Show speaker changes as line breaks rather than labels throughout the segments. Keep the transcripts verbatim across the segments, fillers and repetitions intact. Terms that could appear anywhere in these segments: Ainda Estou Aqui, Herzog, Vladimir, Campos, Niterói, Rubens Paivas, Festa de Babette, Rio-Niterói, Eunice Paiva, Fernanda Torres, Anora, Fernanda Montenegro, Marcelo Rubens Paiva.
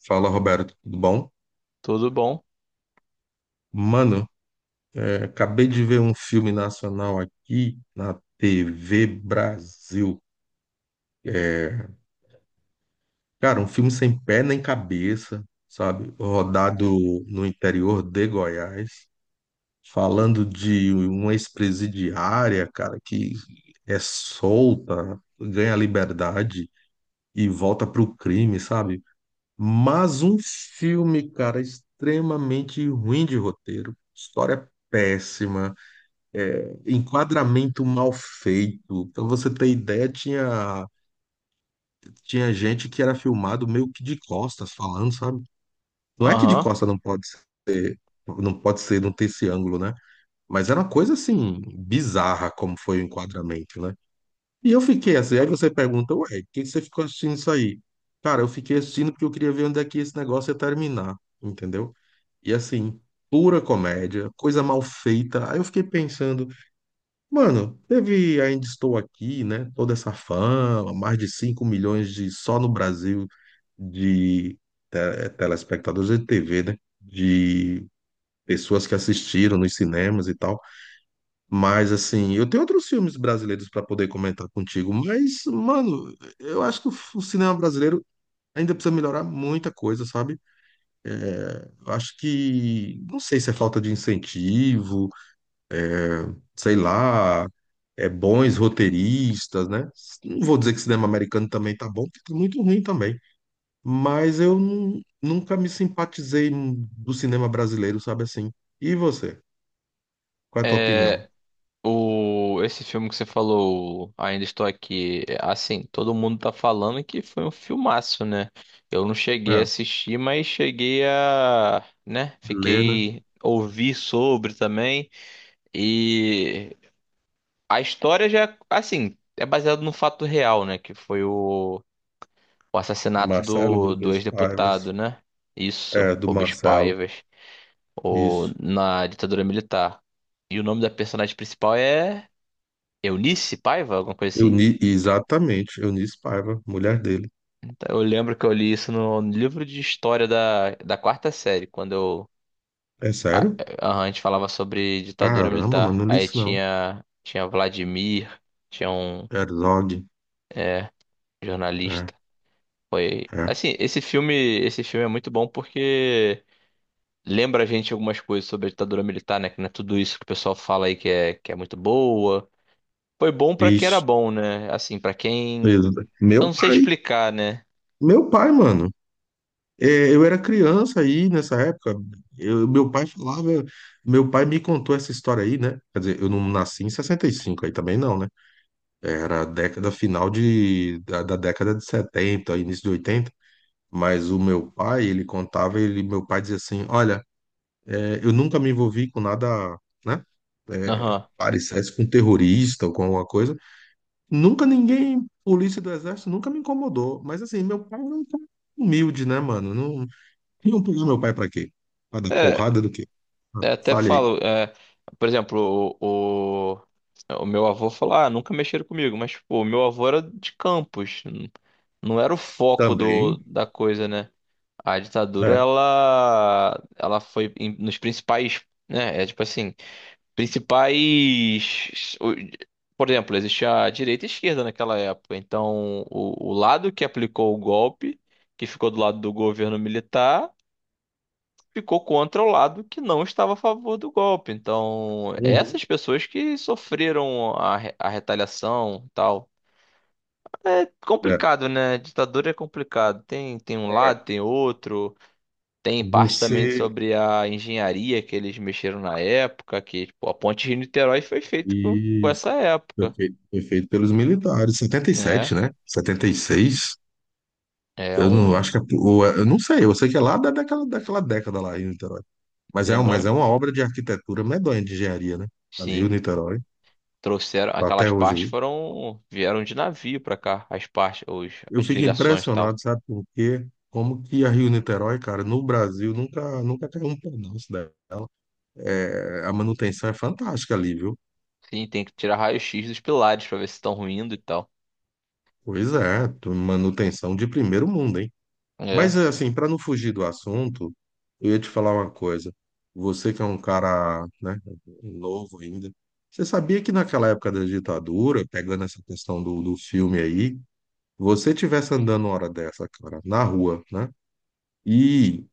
Fala, Roberto, tudo bom?
Tudo bom?
Mano, é, acabei de ver um filme nacional aqui na T V Brasil. É, cara, um filme sem pé nem cabeça, sabe? Rodado no interior de Goiás, falando de uma ex-presidiária, cara, que é solta, ganha liberdade e volta pro crime, sabe? Mas um filme, cara, extremamente ruim de roteiro, história péssima é, enquadramento mal feito. Pra você ter ideia, tinha, tinha gente que era filmado meio que de costas falando, sabe? Não é que de
Aham.
costas não pode ser, não pode ser, não ter esse ângulo, né? Mas era uma coisa assim, bizarra como foi o enquadramento, né? E eu fiquei assim, aí você pergunta, ué, por que você ficou assistindo isso aí? Cara, eu fiquei assistindo porque eu queria ver onde é que esse negócio ia terminar, entendeu? E assim, pura comédia, coisa mal feita. Aí eu fiquei pensando, mano, teve Ainda Estou Aqui, né? Toda essa fama, mais de cinco milhões de só no Brasil de te- telespectadores de T V, né? De pessoas que assistiram nos cinemas e tal. Mas assim, eu tenho outros filmes brasileiros para poder comentar contigo, mas mano, eu acho que o f- o cinema brasileiro ainda precisa melhorar muita coisa, sabe? Eu acho que não sei se é falta de incentivo, sei lá, é, bons roteiristas, né? Não vou dizer que cinema americano também tá bom, porque tá muito ruim também. Mas eu nu- nunca me simpatizei do cinema brasileiro, sabe assim? E você? Qual é a tua
É,
opinião?
o, esse filme que você falou, Ainda Estou Aqui, é, assim, todo mundo tá falando que foi um filmaço, né? Eu não cheguei a
É,
assistir, mas cheguei a, né,
Lê, né?
fiquei ouvir sobre também. E a história já, assim, é baseada no fato real, né, que foi o, o assassinato
Marcelo
do, do
Rubens
ex-deputado,
Paivas.
né? Isso,
É, do
Rubens
Marcelo.
Paivas. Ou
Isso.
na ditadura militar. E o nome da personagem principal é Eunice Paiva, alguma coisa assim?
Euni, exatamente, Eunice Paiva, mulher dele.
Então, eu lembro que eu li isso no livro de história da, da quarta série, quando eu,
É
a,
sério?
a, a gente falava sobre ditadura
Caramba, mano,
militar.
não li
Aí
isso não.
tinha, tinha Vladimir, tinha um
Herzog.
é,
É,
jornalista. Foi.
é.
Assim, esse filme, esse filme é muito bom porque lembra a gente algumas coisas sobre a ditadura militar, né? Que não é tudo isso que o pessoal fala aí que é, que é muito boa. Foi bom pra que era
Isso.
bom, né? Assim, pra quem. Eu
Meu
não sei
pai.
explicar, né?
Meu pai, mano. É, eu era criança aí nessa época. Eu, meu pai falava, meu pai me contou essa história aí, né? Quer dizer, eu não nasci em sessenta e cinco aí também não, né? Era a década final de, da, da década de setenta, início de oitenta. Mas o meu pai, ele contava, ele, meu pai dizia assim, olha, é, eu nunca me envolvi com nada, né? É,
Aham.
parecesse com terrorista ou com alguma coisa. Nunca ninguém, polícia do exército, nunca me incomodou. Mas assim, meu pai não humilde, né, mano? Iam pegar meu pai para quê? Para dar
É,
porrada do quê? Ah,
é, até
fale aí.
falo. É, por exemplo, o, o, o meu avô falou: ah, nunca mexeram comigo. Mas, pô, o meu avô era de Campos. n- Não era o foco do,
Também,
da coisa, né? A ditadura,
é.
ela. Ela foi em- nos principais. Né? É tipo assim. principais. o- Por exemplo, existia a direita e a esquerda naquela época. Então, o, o lado que aplicou o golpe, que ficou do lado do governo militar, ficou contra o lado que não estava a favor do golpe. Então,
Uhum.
essas pessoas que sofreram a, re- a retaliação e tal. É
É.
complicado, né? Ditadura é complicado. Tem, tem um lado, tem outro. Tem parte também
Você.
sobre a engenharia que eles mexeram na época, que tipo, a ponte de Niterói foi feita com, com
Isso.
essa
Foi
época,
feito, foi feito pelos militares. Setenta e
né?
sete, né? Setenta e seis.
É
Eu não
um,
acho que é- ou é- eu não sei. Eu sei que é lá da, daquela, daquela década lá, Rio-Niterói. Mas é, um- mas é
lembrando,
uma obra de arquitetura medonha, de engenharia, né? A
sim,
Rio-Niterói.
trouxeram
Tá até
aquelas
hoje
partes
aí.
foram vieram de navio pra cá, as partes, os,
Eu
as
fico
ligações e tal.
impressionado, sabe por quê? Como que a Rio-Niterói, cara, no Brasil nunca, nunca caiu um pedaço dela. É, a manutenção é fantástica ali, viu?
Sim, tem que tirar raio-x dos pilares pra ver se estão ruindo e tal.
Pois é, tu- manutenção de primeiro mundo, hein?
É,
Mas eh, assim, para não fugir do assunto, eu ia te falar uma coisa. Você que é um cara, né, novo ainda, você sabia que naquela época da ditadura, pegando essa questão do, do filme aí, você tivesse andando uma hora dessa, cara, na rua, né? E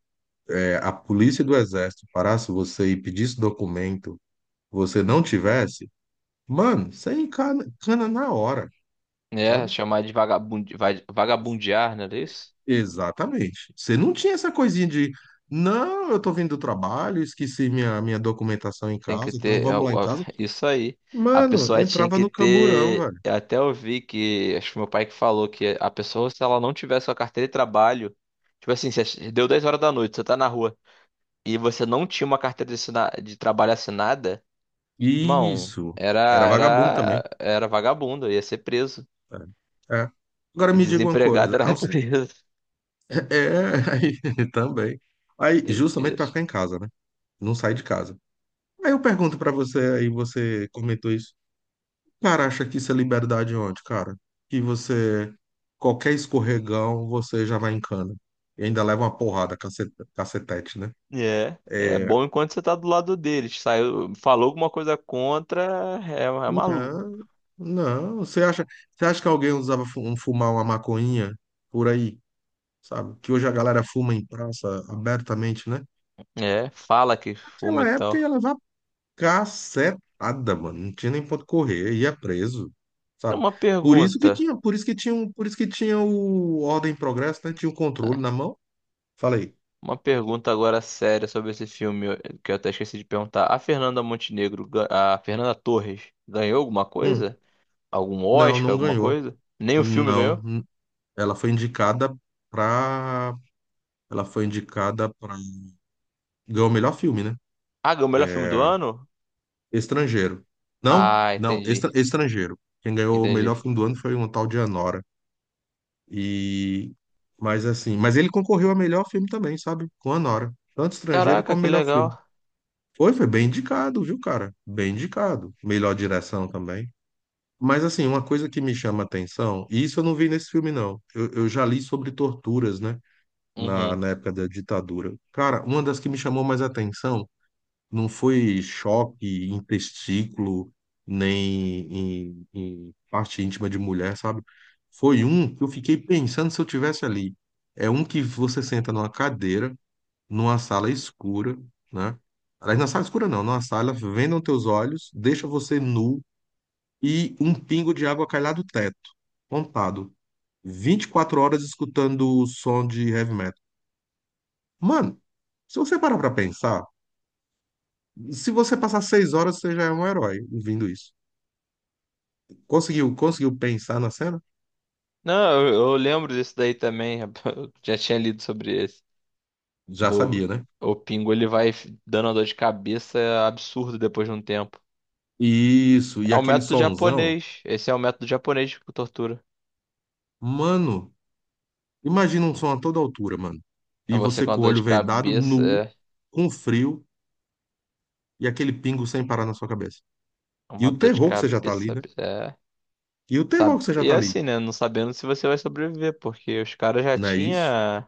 é, a polícia do exército parasse você e pedisse documento, você não tivesse, mano, você encana, cana na hora.
é
Sabe?
chamar de vagabundi, va- vagabundear, não é isso?
Exatamente. Você não tinha essa coisinha de, não, eu tô vindo do trabalho, esqueci minha, minha documentação em
Tem que
casa e tal,
ter. é
vamos
o-
lá em
é
casa.
isso aí. A
Mano,
pessoa tinha
entrava
que
no camburão,
ter.
velho.
Eu até ouvi que. Acho que meu pai que falou que a pessoa, se ela não tivesse a carteira de trabalho. Tipo assim, se deu dez horas da noite, você tá na rua e você não tinha uma carteira de, assina- de trabalho assinada, irmão,
Isso.
era,
Era vagabundo também.
era, era vagabundo, ia ser preso.
É. É. Agora me diga uma
Desempregado
coisa.
era
Aos-
preso.
é, aí, também. Aí, justamente
Doideira.
pra ficar em casa, né? Não sai de casa. Aí eu pergunto pra você, aí você comentou isso. Cara, acha que isso é liberdade onde, cara? Que você, qualquer escorregão, você já vai em cana. E ainda leva uma porrada, cacete- cacetete, né?
É, é
É,
bom enquanto você tá do lado deles. Saiu, falou alguma coisa contra, é, é maluco.
não, não. Você acha, você acha que alguém usava fu- um, fumar uma maconhinha por aí, sabe? Que hoje a galera fuma em praça abertamente, né?
É, fala que fuma e
Naquela época
tal.
ia levar cacetada, mano. Não tinha nem ponto correr, ia preso, sabe?
Uma
Por isso que
pergunta.
tinha, por isso que tinha, um- por isso que tinha o Ordem e Progresso, né? Tinha o
ah,
controle na mão. Falei,
Uma pergunta agora séria sobre esse filme eu- que eu até esqueci de perguntar. A Fernanda Montenegro, ga- a Fernanda Torres, ganhou alguma
hum,
coisa? Algum
não,
Oscar,
não
alguma
ganhou.
coisa? Nem o filme
Não,
ganhou?
hum. Ela foi indicada pra. Ela foi indicada pra. Ganhou o melhor filme, né?
Ah, ganhou o melhor filme do ano?
Estrangeiro. Não,
Ah,
não,
entendi.
estra- estrangeiro. Quem ganhou o
Entendi.
melhor filme do ano foi um tal de Anora. E. Mas assim, mas ele concorreu a melhor filme também, sabe? Com Anora. Tanto estrangeiro
Caraca,
como
que
melhor
legal.
filme. Foi, foi bem indicado, viu, cara? Bem indicado. Melhor direção também. Mas assim, uma coisa que me chama a atenção, e isso eu não vi nesse filme, não. Eu, eu já li sobre torturas, né? na,
Uhum.
na época da ditadura. Cara, uma das que me chamou mais atenção não foi choque em testículo, nem em, em parte íntima de mulher, sabe? Foi um que eu fiquei pensando se eu tivesse ali. É um que você senta numa cadeira, numa sala escura, né? Aliás, na sala escura não, numa sala, vendam teus olhos, deixa você nu e um pingo de água cai lá do teto, pontado. Vinte e quatro horas escutando o som de heavy metal. Mano, se você parar pra pensar, se você passar seis horas, você já é um herói ouvindo isso. Conseguiu, conseguiu pensar na cena?
Não, eu, eu lembro disso daí também. Eu já tinha lido sobre esse.
Já
Do,
sabia, né?
o Pingo, ele vai dando uma dor de cabeça absurda depois de um tempo.
Isso, e
É o
aquele
método
sonzão.
japonês. Esse é o método japonês de tortura.
Mano, imagina um som a toda altura, mano.
É
E
você
você
com a
com o
dor
olho
de
vendado,
cabeça.
nu,
É
com frio, e aquele pingo sem parar na sua cabeça.
É
E
uma
o
dor de
terror que você já tá ali,
cabeça.
né?
É.
E o terror
Sabe?
que você já
E
tá
é
ali.
assim, né? Não sabendo se você vai sobreviver, porque os caras já
Não é isso?
tinha,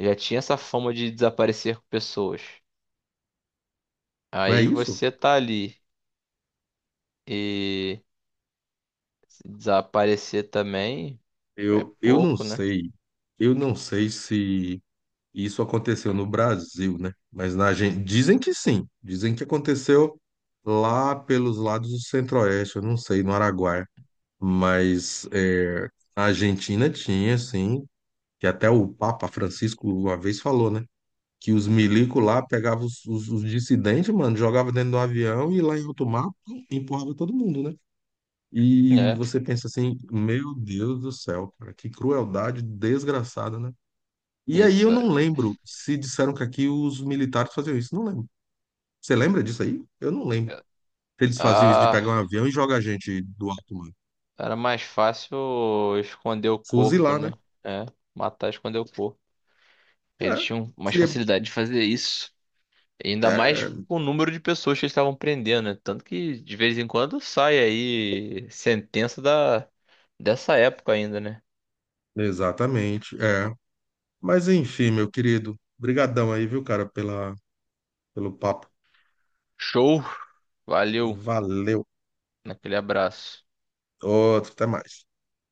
já tinha essa fama de desaparecer com pessoas.
Não é
Aí
isso?
você tá ali e se desaparecer também é
Eu, eu não
pouco, né?
sei. Eu não sei se. Isso aconteceu no Brasil, né? Mas na Argentina. Dizem que sim. Dizem que aconteceu lá pelos lados do Centro-Oeste, eu não sei, no Araguaia. Mas é, a Argentina tinha, sim, que até o Papa Francisco uma vez falou, né? Que os milicos lá pegavam os, os- os dissidentes, mano, jogava dentro do avião e lá em alto mar pum, empurrava todo mundo, né? E
É.
você pensa assim, meu Deus do céu, cara, que crueldade desgraçada, né? E aí eu
Isso.
não lembro se disseram que aqui os militares faziam isso. Não lembro. Você lembra disso aí? Eu não lembro. Se eles faziam isso de pegar um
Ah,
avião e jogar a gente do alto, mano.
era mais fácil esconder o corpo,
Fuzilar, né?
né? É. Matar, esconder o corpo. Eles
É.
tinham mais
Seria...
facilidade de fazer isso.
É,
Ainda mais
é.
com o número de pessoas que eles estavam prendendo, né? Tanto que de vez em quando sai aí sentença da dessa época ainda, né?
Exatamente. É. Mas enfim, meu querido. Brigadão aí, viu, cara, pela, pelo papo.
Show, valeu,
Valeu.
naquele abraço.
Outro, até mais.